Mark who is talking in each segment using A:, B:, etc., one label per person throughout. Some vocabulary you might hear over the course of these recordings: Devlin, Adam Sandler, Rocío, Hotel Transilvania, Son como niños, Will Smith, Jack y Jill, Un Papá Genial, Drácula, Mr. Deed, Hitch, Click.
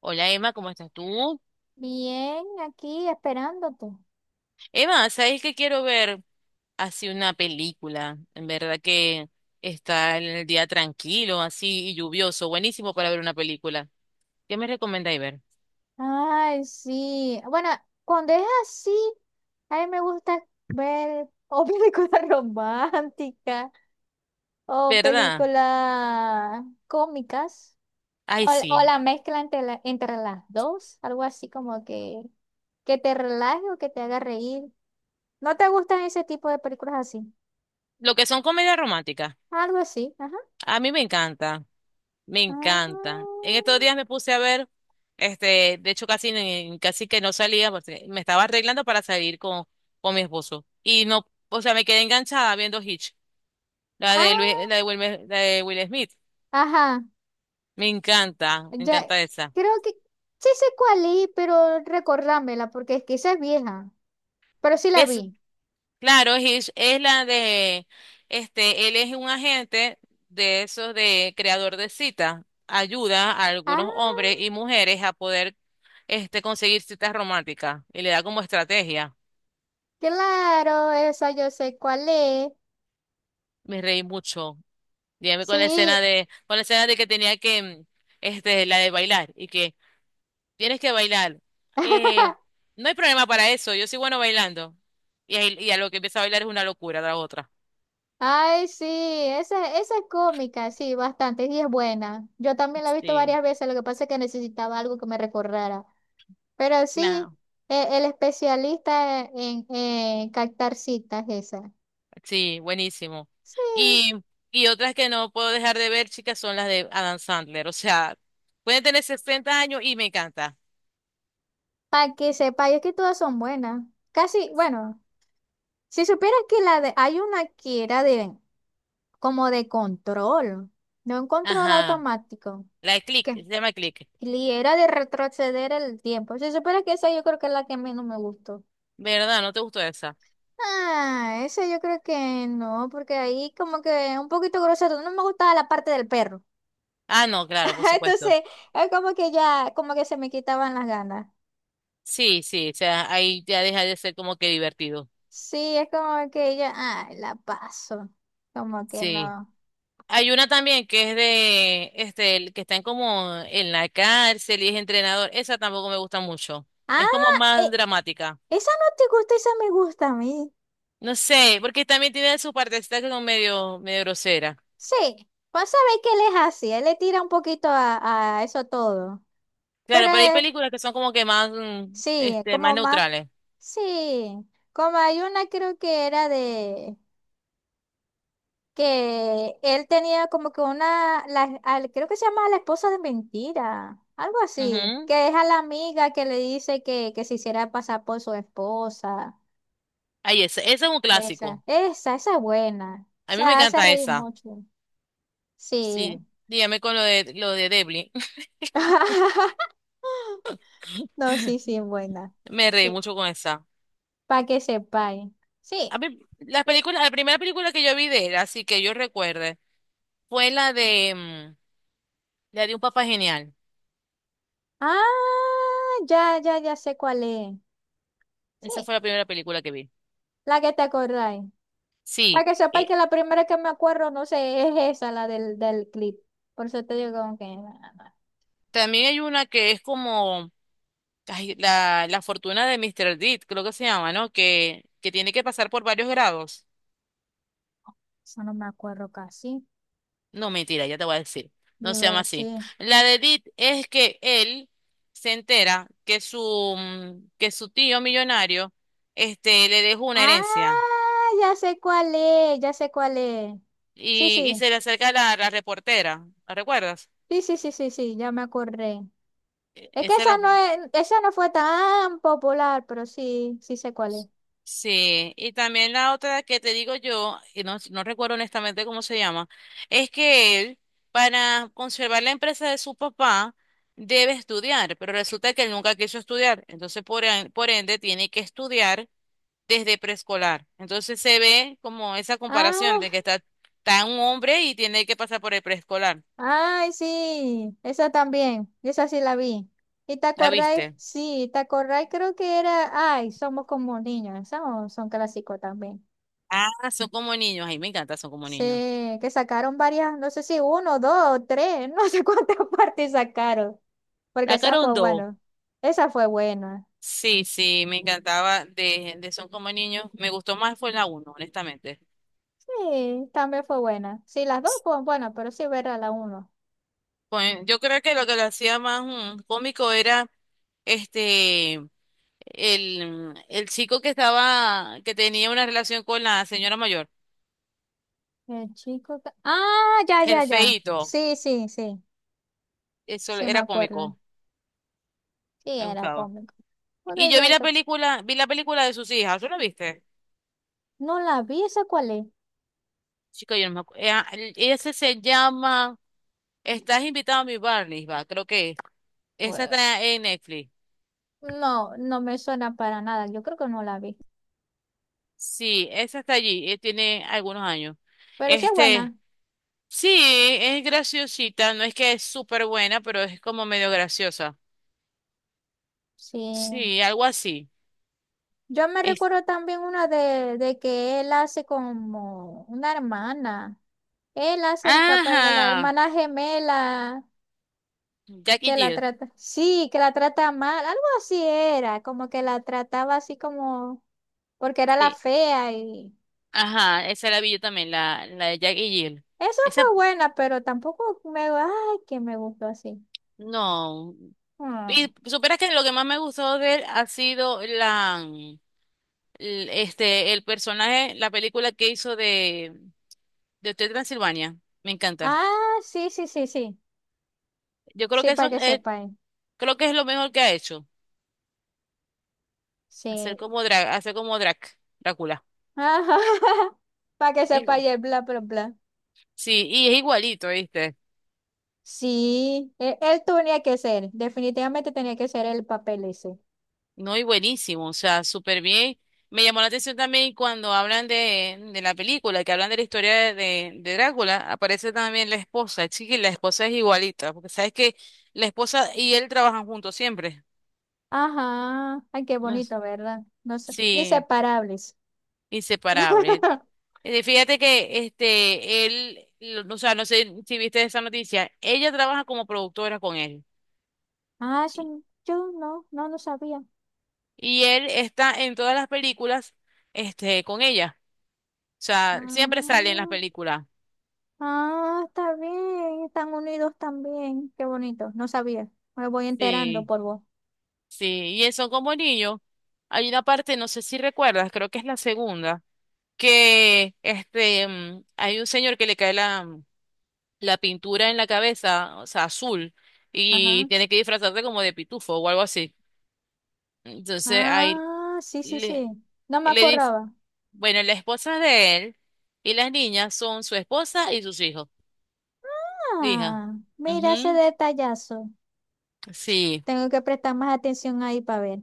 A: Hola Emma, ¿cómo estás tú?
B: Bien, aquí esperándote.
A: Emma, ¿sabes que quiero ver así una película? En verdad que está el día tranquilo, así y lluvioso, buenísimo para ver una película. ¿Qué me recomendáis ver?
B: Ay, sí. Bueno, cuando es así, a mí me gusta ver o películas románticas o
A: ¿Verdad?
B: películas cómicas
A: Ay,
B: o
A: sí.
B: la mezcla entre las dos, algo así como que te relaje o que te haga reír. ¿No te gustan ese tipo de películas así?
A: Lo que son comedias románticas.
B: Algo así, ajá.
A: A mí me encanta, me encanta.
B: Ah,
A: En estos días me puse a ver, de hecho casi, casi que no salía, porque me estaba arreglando para salir con mi esposo. Y no, o sea, me quedé enganchada viendo Hitch. La
B: ah,
A: de Luis, la de Will Smith.
B: ajá.
A: Me
B: Ya,
A: encanta esa.
B: creo que sí sé cuál es, pero recordámela, porque es que esa es vieja. Pero sí la
A: Es,
B: vi.
A: claro, es la de él es un agente de esos de creador de cita. Ayuda a
B: Ah,
A: algunos hombres y mujeres a poder, conseguir citas románticas y le da como estrategia.
B: claro, esa yo sé cuál es.
A: Me reí mucho. Dígame con la
B: Sí.
A: escena de con la escena de que tenía que, la de bailar tienes que bailar. Eh, no hay problema para eso, yo soy bueno bailando. Y, y a lo que empieza a bailar es una locura, la otra.
B: Ay, sí, esa es cómica, sí, bastante, y es buena. Yo también la he visto
A: Sí,
B: varias veces, lo que pasa es que necesitaba algo que me recordara. Pero sí,
A: claro.
B: el especialista en captar citas, esa.
A: Sí, buenísimo.
B: Sí,
A: Y, y otras que no puedo dejar de ver, chicas, son las de Adam Sandler. O sea, pueden tener 60 años y me encanta.
B: para que sepa, y es que todas son buenas. Casi, bueno. Si supieras que la de, hay una que era de, como de control, no un control
A: Ajá.
B: automático,
A: La de Click,
B: que
A: se llama Click.
B: era de retroceder el tiempo. Si supieras que esa yo creo que es la que menos me gustó.
A: ¿Verdad? ¿No te gustó esa?
B: Ah, esa yo creo que no, porque ahí como que un poquito grosero, no me gustaba la parte del perro.
A: Ah, no, claro, por supuesto.
B: Entonces, es como que ya, como que se me quitaban las ganas.
A: Sí, sí, o sea, ahí ya deja de ser como que divertido.
B: Sí, es como que ya, ay, la paso. Como que
A: Sí.
B: no.
A: Hay una también que es el que están como en la cárcel y es entrenador. Esa tampoco me gusta mucho.
B: Ah,
A: Es como
B: eh,
A: más dramática.
B: esa no te gusta, esa me gusta a mí.
A: No sé, porque también tiene sus partecitas que son medio, medio grosera.
B: Sí, pues sabéis que él es así, él le tira un poquito a eso todo.
A: Claro,
B: Pero
A: pero hay películas que son como que más,
B: sí,
A: más
B: como más,
A: neutrales.
B: sí, como hay una creo que era de que él tenía como que una, la, creo que se llama la esposa de mentira, algo así,
A: Ujú.
B: que es a la amiga que le dice que se hiciera pasar por su esposa.
A: Ahí esa, esa es un
B: Esa,
A: clásico.
B: esa, esa es buena. O
A: A mí me
B: sea, hace
A: encanta
B: reír
A: esa.
B: mucho.
A: Sí.
B: Sí.
A: Dígame con lo de Devlin.
B: No, sí, sí, buena.
A: Me reí
B: Sí,
A: mucho con esa.
B: para que sepáis. Sí.
A: A mí, las
B: y-
A: películas, la primera película que yo vi de él, así que yo recuerde. Fue la la de Un Papá Genial.
B: Ah, ya, ya, ya sé cuál es.
A: Esa
B: Sí,
A: fue la primera película que vi.
B: la que te acordáis. Para
A: Sí,
B: que sepáis
A: y
B: que la primera que me acuerdo, no sé, es esa, la del clip. Por eso te digo como que, no, no,
A: también hay una que es como ay, la fortuna de Mr. Deed, creo que se llama, ¿no? Que tiene que pasar por varios grados.
B: eso no me acuerdo casi.
A: No, mentira, ya te voy a decir.
B: Y
A: No se
B: iba a
A: llama así.
B: decir,
A: La de Deed es que él se entera que que su tío millonario le dejó una herencia
B: ah, ya sé cuál es, ya sé cuál es. Sí,
A: y
B: sí,
A: se le acerca la, la reportera. ¿La recuerdas?
B: sí, sí, sí, sí, sí, ya me acordé. Es que
A: Esa es
B: esa
A: la.
B: no es, esa no fue tan popular, pero sí, sí sé cuál es.
A: Sí, y también la otra que te digo yo, y no, no recuerdo honestamente cómo se llama, es que él, para conservar la empresa de su papá, debe estudiar, pero resulta que él nunca quiso estudiar, entonces por ende tiene que estudiar desde preescolar. Entonces se ve como esa comparación
B: Ah,
A: de que está, está un hombre y tiene que pasar por el preescolar.
B: ay, sí, esa también, esa sí la vi. ¿Y te
A: ¿La
B: acordáis?
A: viste?
B: Sí, ¿te acordáis? Creo que era, ay, somos como niños, esos son clásicos también.
A: Ah, son como niños, ay, me encanta, son como niños.
B: Sí, que sacaron varias, no sé si uno, dos, tres, no sé cuántas partes sacaron, porque
A: La
B: esa fue
A: carondo.
B: bueno, esa fue buena.
A: Sí, sí, me encantaba de Son como niños. Me gustó más fue la uno, honestamente.
B: Sí, también fue buena. Sí, las dos fueron buenas, pero sí verá la uno.
A: Pues, yo creo que lo hacía más cómico era este el chico que estaba, que tenía una relación con la señora mayor,
B: El chico que- Ah, ya,
A: el
B: ya, ya.
A: feíto.
B: Sí, sí, sí,
A: Eso
B: sí me
A: era
B: acuerdo.
A: cómico,
B: Sí,
A: me
B: era
A: gustaba.
B: cómico.
A: Y
B: Podéis
A: yo
B: ver.
A: vi la película de sus hijas, ¿tú la viste?
B: No la vi, ¿esa cuál es?
A: Chica, yo no me acuerdo. Ese se llama Estás invitado a mi Barney, va, creo que es. Esa
B: Bue-
A: está en Netflix.
B: no, no me suena para nada, yo creo que no la vi,
A: Sí, esa está allí, tiene algunos años.
B: pero sí es
A: Este,
B: buena,
A: sí, es graciosita, no es que es súper buena, pero es como medio graciosa.
B: sí.
A: Sí, algo así.
B: Yo me
A: Es,
B: recuerdo también una de que él hace como una hermana, él hace el papel de la
A: ajá,
B: hermana gemela,
A: Jack y
B: que la
A: Jill.
B: trata, sí, que la trata mal, algo así era, como que la trataba así como, porque era la
A: Sí,
B: fea y
A: ajá, esa la vi yo también, la de Jack y Jill.
B: esa fue
A: Esa,
B: buena, pero tampoco me, ay, que me gustó así.
A: no.
B: Mm.
A: Y supieras que lo que más me gustó de él ha sido la, mm, l- este, el personaje, la película que hizo de Hotel Transilvania. Me encanta.
B: Ah, sí, sí, sí, sí.
A: Yo creo
B: Sí,
A: que
B: para
A: eso,
B: que sepáis.
A: creo que es lo mejor que ha hecho.
B: Sí.
A: Hacer como drag, Drácula.
B: Ajá. Para que
A: Igu-
B: sepáis el bla, bla, bla.
A: Sí, y es igualito, ¿viste?
B: Sí, él, tenía que ser. Definitivamente tenía que ser el papel ese.
A: No, y buenísimo, o sea, súper bien. Me llamó la atención también cuando hablan de la película, que hablan de la historia de Drácula, aparece también la esposa, chiqui, la esposa es igualita, porque sabes que la esposa y él trabajan juntos siempre.
B: Ajá. Ay, qué
A: No s-
B: bonito, ¿verdad? No sé.
A: Sí,
B: Inseparables.
A: inseparable. Fíjate que o sea, no sé si viste esa noticia, ella trabaja como productora con él.
B: Ah, eso no- yo no, no, no sabía.
A: Y él está en todas las películas, con ella. O sea, siempre sale en las
B: Ah,
A: películas.
B: ah, está bien. Están unidos también. Qué bonito. No sabía. Me voy enterando
A: Sí,
B: por vos.
A: sí. Y él son como niños. Hay una parte, no sé si recuerdas, creo que es la segunda, que hay un señor que le cae la pintura en la cabeza, o sea, azul, y
B: Ajá.
A: tiene que disfrazarse como de pitufo o algo así. Entonces, ahí
B: Ah, sí, sí,
A: le,
B: sí. No me
A: le dice,
B: acordaba.
A: bueno, la esposa de él y las niñas son su esposa y sus hijos. Hija.
B: Ah, mira ese
A: Ujú,
B: detallazo.
A: sí,
B: Tengo que prestar más atención ahí para ver.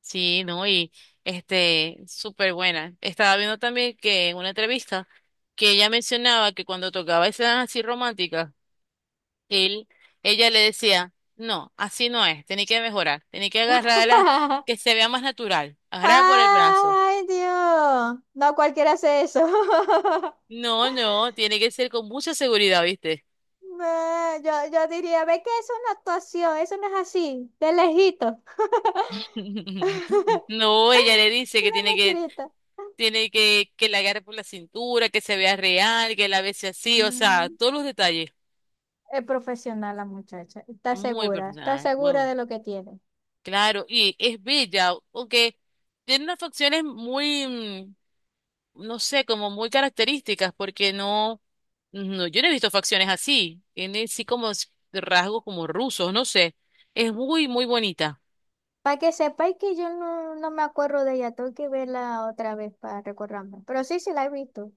A: sí, ¿no? Y súper buena. Estaba viendo también que en una entrevista que ella mencionaba que cuando tocaba escenas así románticas, él, ella le decía, no, así no es, tenés que mejorar, tenés que agarrarla que se vea más natural, agarrarla por el brazo.
B: ¡Ay, Dios! No cualquiera hace eso.
A: No, no, tiene que ser con mucha seguridad, ¿viste?
B: No, yo diría, ve que es una actuación, eso no es así, de lejito.
A: No, ella le
B: Es
A: dice que
B: una
A: tiene que
B: mentirita.
A: tiene que la agarre por la cintura, que se vea real, que la bese así, o sea,
B: Mm,
A: todos los detalles.
B: es profesional la muchacha,
A: Muy
B: está
A: profesional, ¿eh? Muy
B: segura
A: bueno.
B: de lo que tiene.
A: Claro, y es bella, aunque tiene unas facciones muy, no sé, como muy características, porque no, no, yo no he visto facciones así. Tiene así como rasgos como rusos, no sé. Es muy, muy bonita.
B: Para que sepáis que yo no, no me acuerdo de ella, tengo que verla otra vez para recordarme. Pero sí, sí la he visto.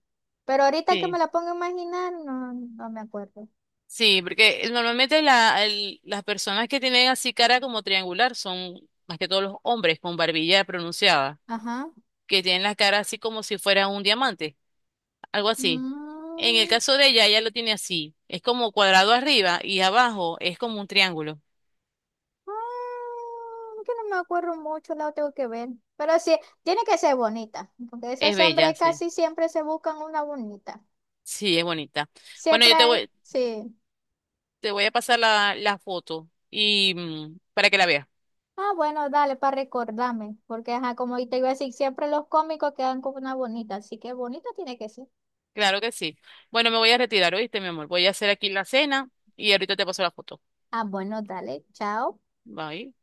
B: Pero ahorita que me
A: Sí.
B: la pongo a imaginar, no, no me acuerdo.
A: Sí, porque normalmente las personas que tienen así cara como triangular son más que todos los hombres con barbilla pronunciada,
B: Ajá.
A: que tienen la cara así como si fuera un diamante, algo así. En el
B: Mm,
A: caso de ella, ella lo tiene así, es como cuadrado arriba y abajo es como un triángulo.
B: ah, que no me acuerdo mucho, la tengo que ver. Pero sí, tiene que ser bonita, porque
A: Es
B: esos
A: bella,
B: hombres
A: sí.
B: casi siempre se buscan una bonita.
A: Sí, es bonita. Bueno,
B: Siempre, sí.
A: te voy a pasar la foto y para que la veas.
B: Ah, bueno, dale, para recordarme, porque ajá, como te iba a decir, siempre los cómicos quedan con una bonita, así que bonita tiene que ser.
A: Claro que sí. Bueno, me voy a retirar, ¿oíste, mi amor? Voy a hacer aquí la cena y ahorita te paso la foto.
B: Ah, bueno, dale, chao.
A: Bye.